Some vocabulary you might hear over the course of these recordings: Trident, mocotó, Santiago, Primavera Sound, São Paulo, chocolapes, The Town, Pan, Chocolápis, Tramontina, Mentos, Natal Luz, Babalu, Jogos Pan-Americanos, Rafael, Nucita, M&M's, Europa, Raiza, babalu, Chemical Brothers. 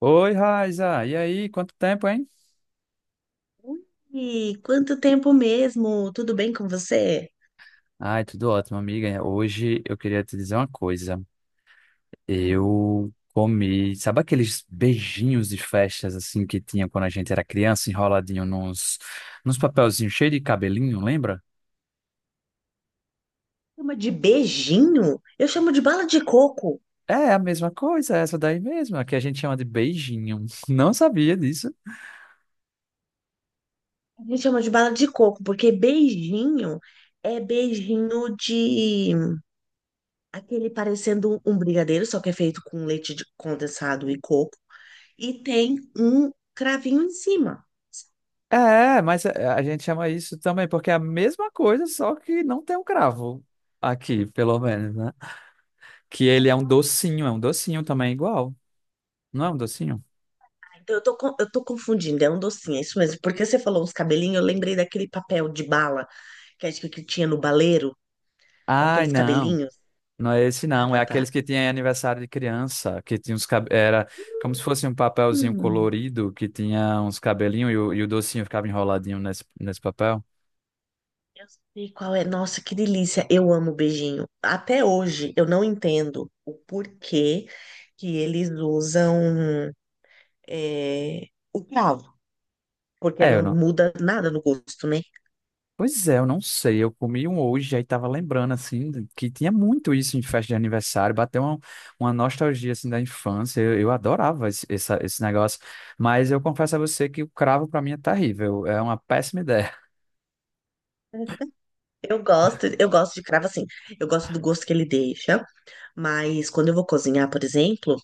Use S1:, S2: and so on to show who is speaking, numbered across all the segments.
S1: Oi, Raiza. E aí, quanto tempo, hein?
S2: Ui, quanto tempo mesmo? Tudo bem com você?
S1: Ai, tudo ótimo, amiga. Hoje eu queria te dizer uma coisa.
S2: Hum.
S1: Eu comi, sabe aqueles beijinhos de festas assim que tinha quando a gente era criança, enroladinho nos papelzinhos cheios de cabelinho, lembra?
S2: Chama de beijinho? Eu chamo de bala de coco.
S1: É a mesma coisa, essa daí mesmo, a que a gente chama de beijinho. Não sabia disso.
S2: A gente chama de bala de coco, porque beijinho é beijinho de aquele parecendo um brigadeiro, só que é feito com leite condensado e coco, e tem um cravinho em cima.
S1: É, mas a gente chama isso também porque é a mesma coisa, só que não tem um cravo aqui, pelo menos, né? Que ele é um docinho também igual. Não é um docinho?
S2: Então eu tô confundindo, é um docinho, é isso mesmo. Porque você falou uns cabelinhos, eu lembrei daquele papel de bala que acho que tinha no baleiro, com
S1: Ai,
S2: aqueles
S1: não.
S2: cabelinhos.
S1: Não é esse,
S2: Ah,
S1: não. É
S2: tá, tá.
S1: aqueles que tinha em aniversário de criança, que tinha uns cabelos. Era como se fosse um papelzinho
S2: Hum,
S1: colorido, que tinha uns cabelinhos e o docinho ficava enroladinho nesse papel.
S2: eu sei qual é. Nossa, que delícia. Eu amo beijinho. Até hoje eu não entendo o porquê que eles usam é, o cravo, porque
S1: É, eu
S2: não
S1: não.
S2: muda nada no gosto, né?
S1: Pois é, eu não sei. Eu comi um hoje, aí tava lembrando, assim, que tinha muito isso em festa de aniversário. Uma nostalgia, assim, da infância. Eu adorava esse negócio. Mas eu confesso a você que o cravo, pra mim, é terrível. É uma péssima ideia.
S2: Eu gosto de cravo assim. Eu gosto do gosto que ele deixa, mas quando eu vou cozinhar, por exemplo,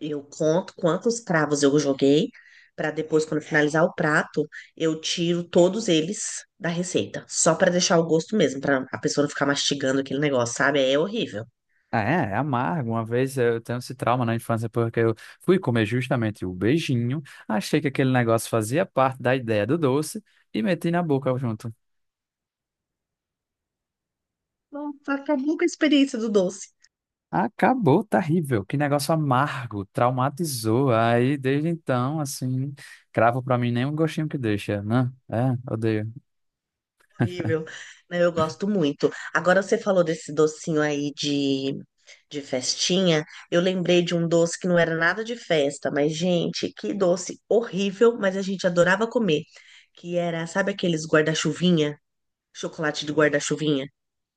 S2: eu conto quantos cravos eu joguei, para depois, quando finalizar o prato, eu tiro todos eles da receita, só para deixar o gosto mesmo, para a pessoa não ficar mastigando aquele negócio, sabe? É horrível.
S1: É, é amargo. Uma vez eu tenho esse trauma na infância porque eu fui comer justamente o beijinho, achei que aquele negócio fazia parte da ideia do doce e meti na boca junto.
S2: Nossa, acabou com a experiência do doce.
S1: Acabou, terrível. Que negócio amargo, traumatizou. Aí, desde então, assim, cravo pra mim nem um gostinho que deixa, né? É, odeio.
S2: Horrível. Não, eu gosto muito. Agora você falou desse docinho aí de festinha. Eu lembrei de um doce que não era nada de festa, mas, gente, que doce horrível, mas a gente adorava comer. Que era, sabe aqueles guarda-chuvinha? Chocolate de guarda-chuvinha.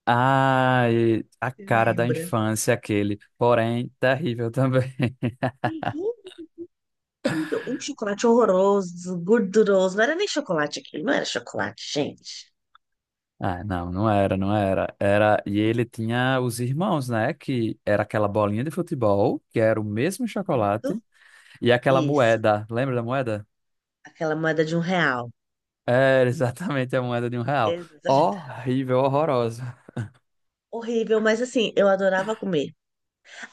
S1: Ai, a
S2: Você
S1: cara da
S2: lembra?
S1: infância, aquele, porém, terrível também.
S2: Terrível. Um chocolate horroroso, gorduroso. Não era nem chocolate aquilo, não era chocolate, gente.
S1: Ah, não, não era. Era, e ele tinha os irmãos, né? Que era aquela bolinha de futebol, que era o mesmo chocolate, e aquela
S2: Isso.
S1: moeda. Lembra da moeda?
S2: Aquela moeda de um real.
S1: Era exatamente a moeda de um real.
S2: Exato.
S1: Horrível, horrorosa.
S2: Horrível, mas assim, eu adorava comer.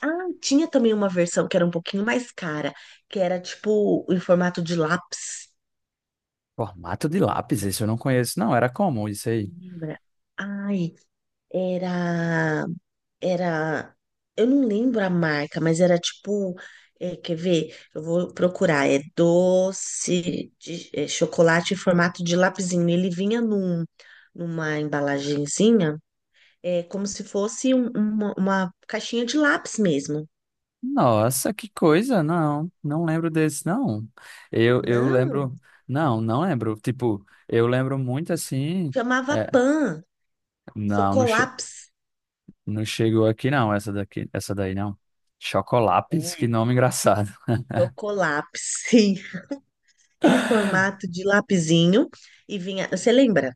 S2: Ah, tinha também uma versão que era um pouquinho mais cara, que era tipo em formato de lápis.
S1: Formato de lápis, isso eu não conheço, não. Era comum isso aí.
S2: Lembra? Ai, era. Era. Eu não lembro a marca, mas era tipo. Quer ver? Eu vou procurar. É doce de chocolate em formato de lapisinho. Ele vinha numa embalagenzinha, como se fosse uma caixinha de lápis mesmo.
S1: Nossa, que coisa, não. Não lembro desse, não. Eu
S2: Não,
S1: lembro. Não, não lembro. Tipo, eu lembro muito assim.
S2: chamava
S1: é,
S2: Pan,
S1: não, não, che-
S2: chocolapes.
S1: Não chegou aqui não, essa daqui, essa daí não. Chocolápis, que
S2: É,
S1: nome engraçado.
S2: chocolapes, sim. Em formato de lapisinho. E vinha. Você lembra?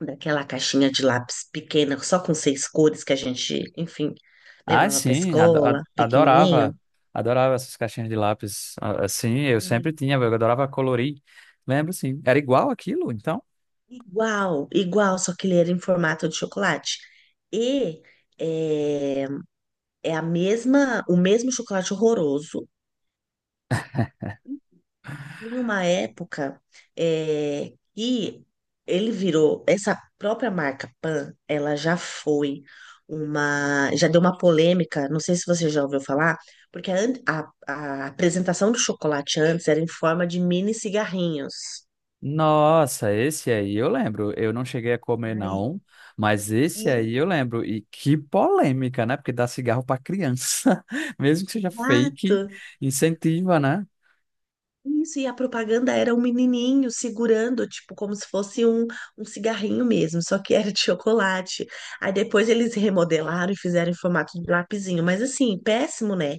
S2: Daquela caixinha de lápis pequena, só com seis cores que a gente, enfim,
S1: Ah,
S2: levava pra
S1: sim,
S2: escola, pequenininho.
S1: adorava, adorava essas caixinhas de lápis. Sim, eu sempre
S2: Uhum.
S1: tinha, eu adorava colorir. Lembro, sim. Era igual aquilo, então?
S2: Igual, igual, só que ele era em formato de chocolate. E é, é a mesma, o mesmo chocolate horroroso. Em uma época que ele virou, essa própria marca Pan, ela já foi uma, já deu uma polêmica, não sei se você já ouviu falar, porque a apresentação do chocolate antes era em forma de mini cigarrinhos.
S1: Nossa, esse aí eu lembro. Eu não cheguei a comer
S2: Ai,
S1: não, mas esse aí eu lembro. E que polêmica, né? Porque dá cigarro para criança, mesmo que seja fake,
S2: exato!
S1: incentiva, né?
S2: Isso, e a propaganda era um menininho segurando, tipo, como se fosse um cigarrinho mesmo, só que era de chocolate. Aí depois eles remodelaram e fizeram em formato de lapisinho, mas assim, péssimo, né?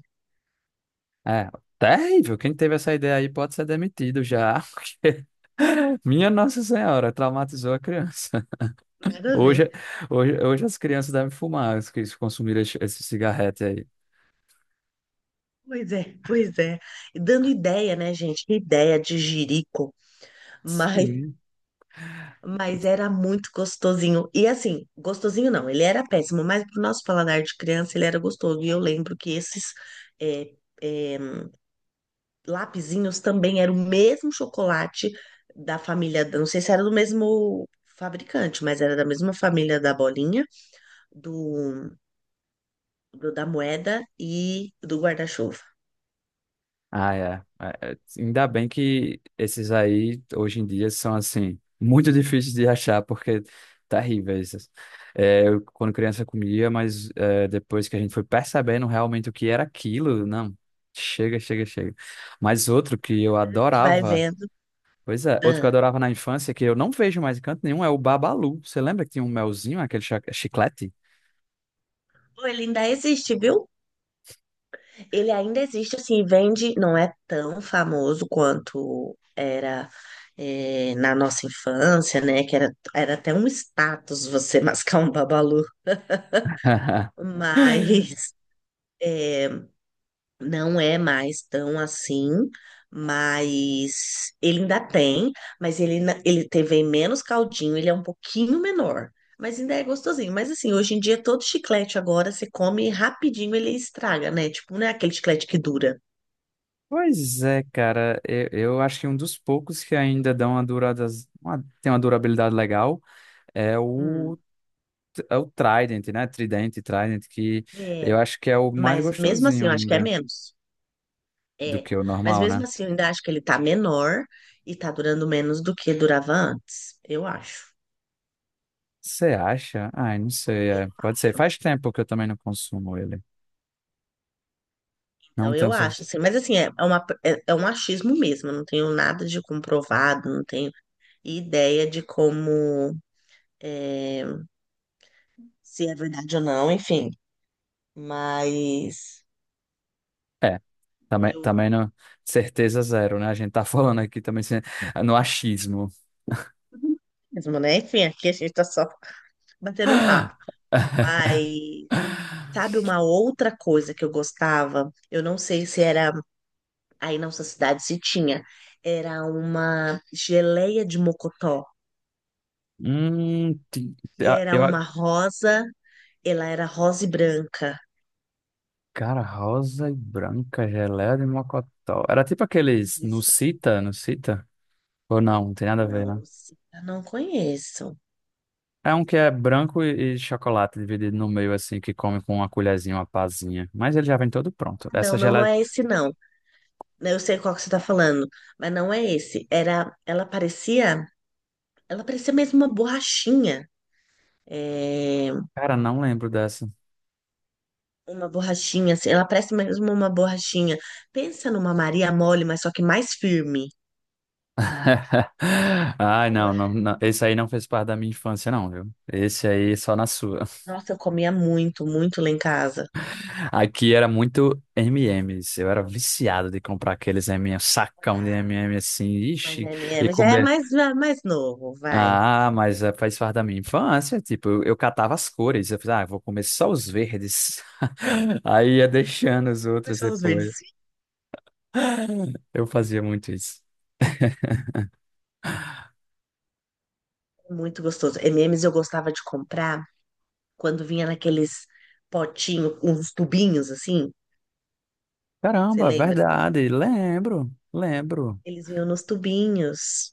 S1: É, terrível. Quem teve essa ideia aí pode ser demitido já, porque minha Nossa Senhora traumatizou a criança.
S2: Nada a ver.
S1: Hoje, hoje as crianças devem fumar, as que consumiram esse cigarrete aí.
S2: Pois é, pois é. E dando ideia, né, gente? Que ideia de jirico, mas,
S1: Sim.
S2: mas era muito gostosinho. E assim, gostosinho não, ele era péssimo, mas pro nosso paladar de criança ele era gostoso. E eu lembro que esses, é, é, lapisinhos também era o mesmo chocolate da família, não sei se era do mesmo fabricante, mas era da mesma família da bolinha, do, da moeda e do guarda-chuva.
S1: Ah, é. É, é. Ainda bem que esses aí, hoje em dia, são, assim, muito difíceis de achar, porque terríveis. É, eu, quando criança, comia, mas é, depois que a gente foi percebendo realmente o que era aquilo, não, chega. Mas outro que eu
S2: A gente vai
S1: adorava,
S2: vendo.
S1: pois é, outro que eu
S2: Ah.
S1: adorava na infância, que eu não vejo mais em canto nenhum, é o Babalu. Você lembra que tinha um melzinho, chiclete?
S2: Pô, ele ainda existe, viu? Ele ainda existe, assim, vende, não é tão famoso quanto era na nossa infância, né? Que era, era até um status você mascar um babalu, mas é, Não é mais tão assim, mas ele ainda tem, mas ele teve menos caldinho, ele é um pouquinho menor, mas ainda é gostosinho. Mas assim, hoje em dia todo chiclete agora você come rapidinho, ele estraga, né? Tipo, não é aquele chiclete que dura.
S1: Pois é, cara, eu acho que um dos poucos que ainda dão uma durada, tem uma durabilidade legal é o,
S2: Hum.
S1: é o Trident, né? Trident, que
S2: É,
S1: eu acho que é o mais
S2: mas mesmo assim,
S1: gostosinho
S2: eu acho que é
S1: ainda
S2: menos.
S1: do
S2: É,
S1: que o
S2: mas
S1: normal,
S2: mesmo
S1: né?
S2: assim, eu ainda acho que ele tá menor e tá durando menos do que durava antes, eu acho.
S1: Você acha? Ai, não sei,
S2: Eu
S1: é, pode ser. Faz tempo que eu também não consumo ele. Não
S2: Então, eu
S1: tenho
S2: acho,
S1: certeza.
S2: assim, mas assim, é um achismo mesmo, eu não tenho nada de comprovado, não tenho ideia de como, é, se é verdade ou não, enfim, mas
S1: É,
S2: eu,
S1: também não, certeza zero, né? A gente tá falando aqui também sem- no achismo.
S2: mesmo, né? Enfim, aqui a gente tá só batendo um papo. Mas, sabe uma outra coisa que eu gostava? Eu não sei se era aí na nossa cidade se tinha. Era uma geleia de mocotó,
S1: Hum, ti-
S2: que
S1: eu,
S2: era uma rosa, ela era rosa e branca.
S1: Cara, rosa e branca, geleia de mocotó. Era tipo aqueles Nucita? Ou não, não tem nada a ver, né?
S2: Não, sim, eu não conheço.
S1: É um que é branco e chocolate dividido no meio, assim, que come com uma colherzinha, uma pazinha. Mas ele já vem todo pronto.
S2: Não,
S1: Essa
S2: não, não
S1: geleia.
S2: é esse não. Eu sei qual que você tá falando, mas não é esse. Era, ela parecia mesmo uma borrachinha. É,
S1: Cara, não lembro dessa.
S2: uma borrachinha, assim, ela parece mesmo uma borrachinha. Pensa numa Maria mole, mas só que mais firme. E
S1: Ai,
S2: ela,
S1: não. Esse aí não fez parte da minha infância, não, viu? Esse aí só na sua.
S2: nossa, eu comia muito, muito lá em casa.
S1: Aqui era muito M&M's. Eu era viciado de comprar aqueles M&M's, um sacão de
S2: Ah,
S1: M&M's assim,
S2: mas
S1: ixi, e
S2: MM já é
S1: comer.
S2: mais novo, vai.
S1: Ah, mas faz parte da minha infância. Tipo, eu catava as cores. Eu falei, ah, eu vou comer só os verdes. Aí ia deixando os
S2: Mas
S1: outros
S2: são os
S1: depois.
S2: verdes.
S1: Eu fazia muito isso.
S2: Muito gostoso. MMs eu gostava de comprar, quando vinha naqueles potinhos, uns tubinhos assim. Você
S1: Caramba,
S2: lembra desses
S1: verdade.
S2: tubinhos?
S1: Lembro.
S2: Eles vinham nos tubinhos.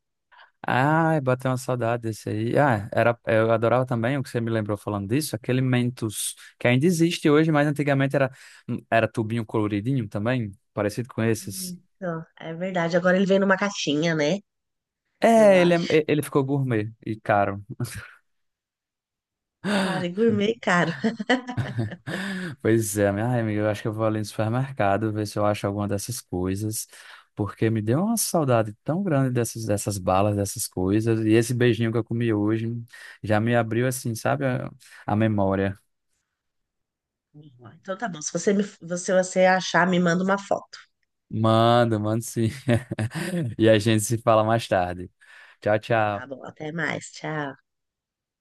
S1: Ai, bateu uma saudade desse aí. Ah, era, eu adorava também o que você me lembrou falando disso, aquele Mentos, que ainda existe hoje, mas antigamente era, era tubinho coloridinho também, parecido com esses.
S2: Isso, é verdade. Agora ele vem numa caixinha, né? Eu
S1: É,
S2: acho.
S1: ele ficou gourmet e caro.
S2: Cara, e gourmet caro.
S1: Pois é, minha ai, amiga, eu acho que eu vou ali no supermercado ver se eu acho alguma dessas coisas, porque me deu uma saudade tão grande dessas balas, dessas coisas, e esse beijinho que eu comi hoje já me abriu assim, sabe, a memória.
S2: Então tá bom. Se você achar, me manda uma foto.
S1: Mando, mando sim. E a gente se fala mais tarde. Tchau,
S2: Tá
S1: tchau.
S2: bom, até mais. Tchau.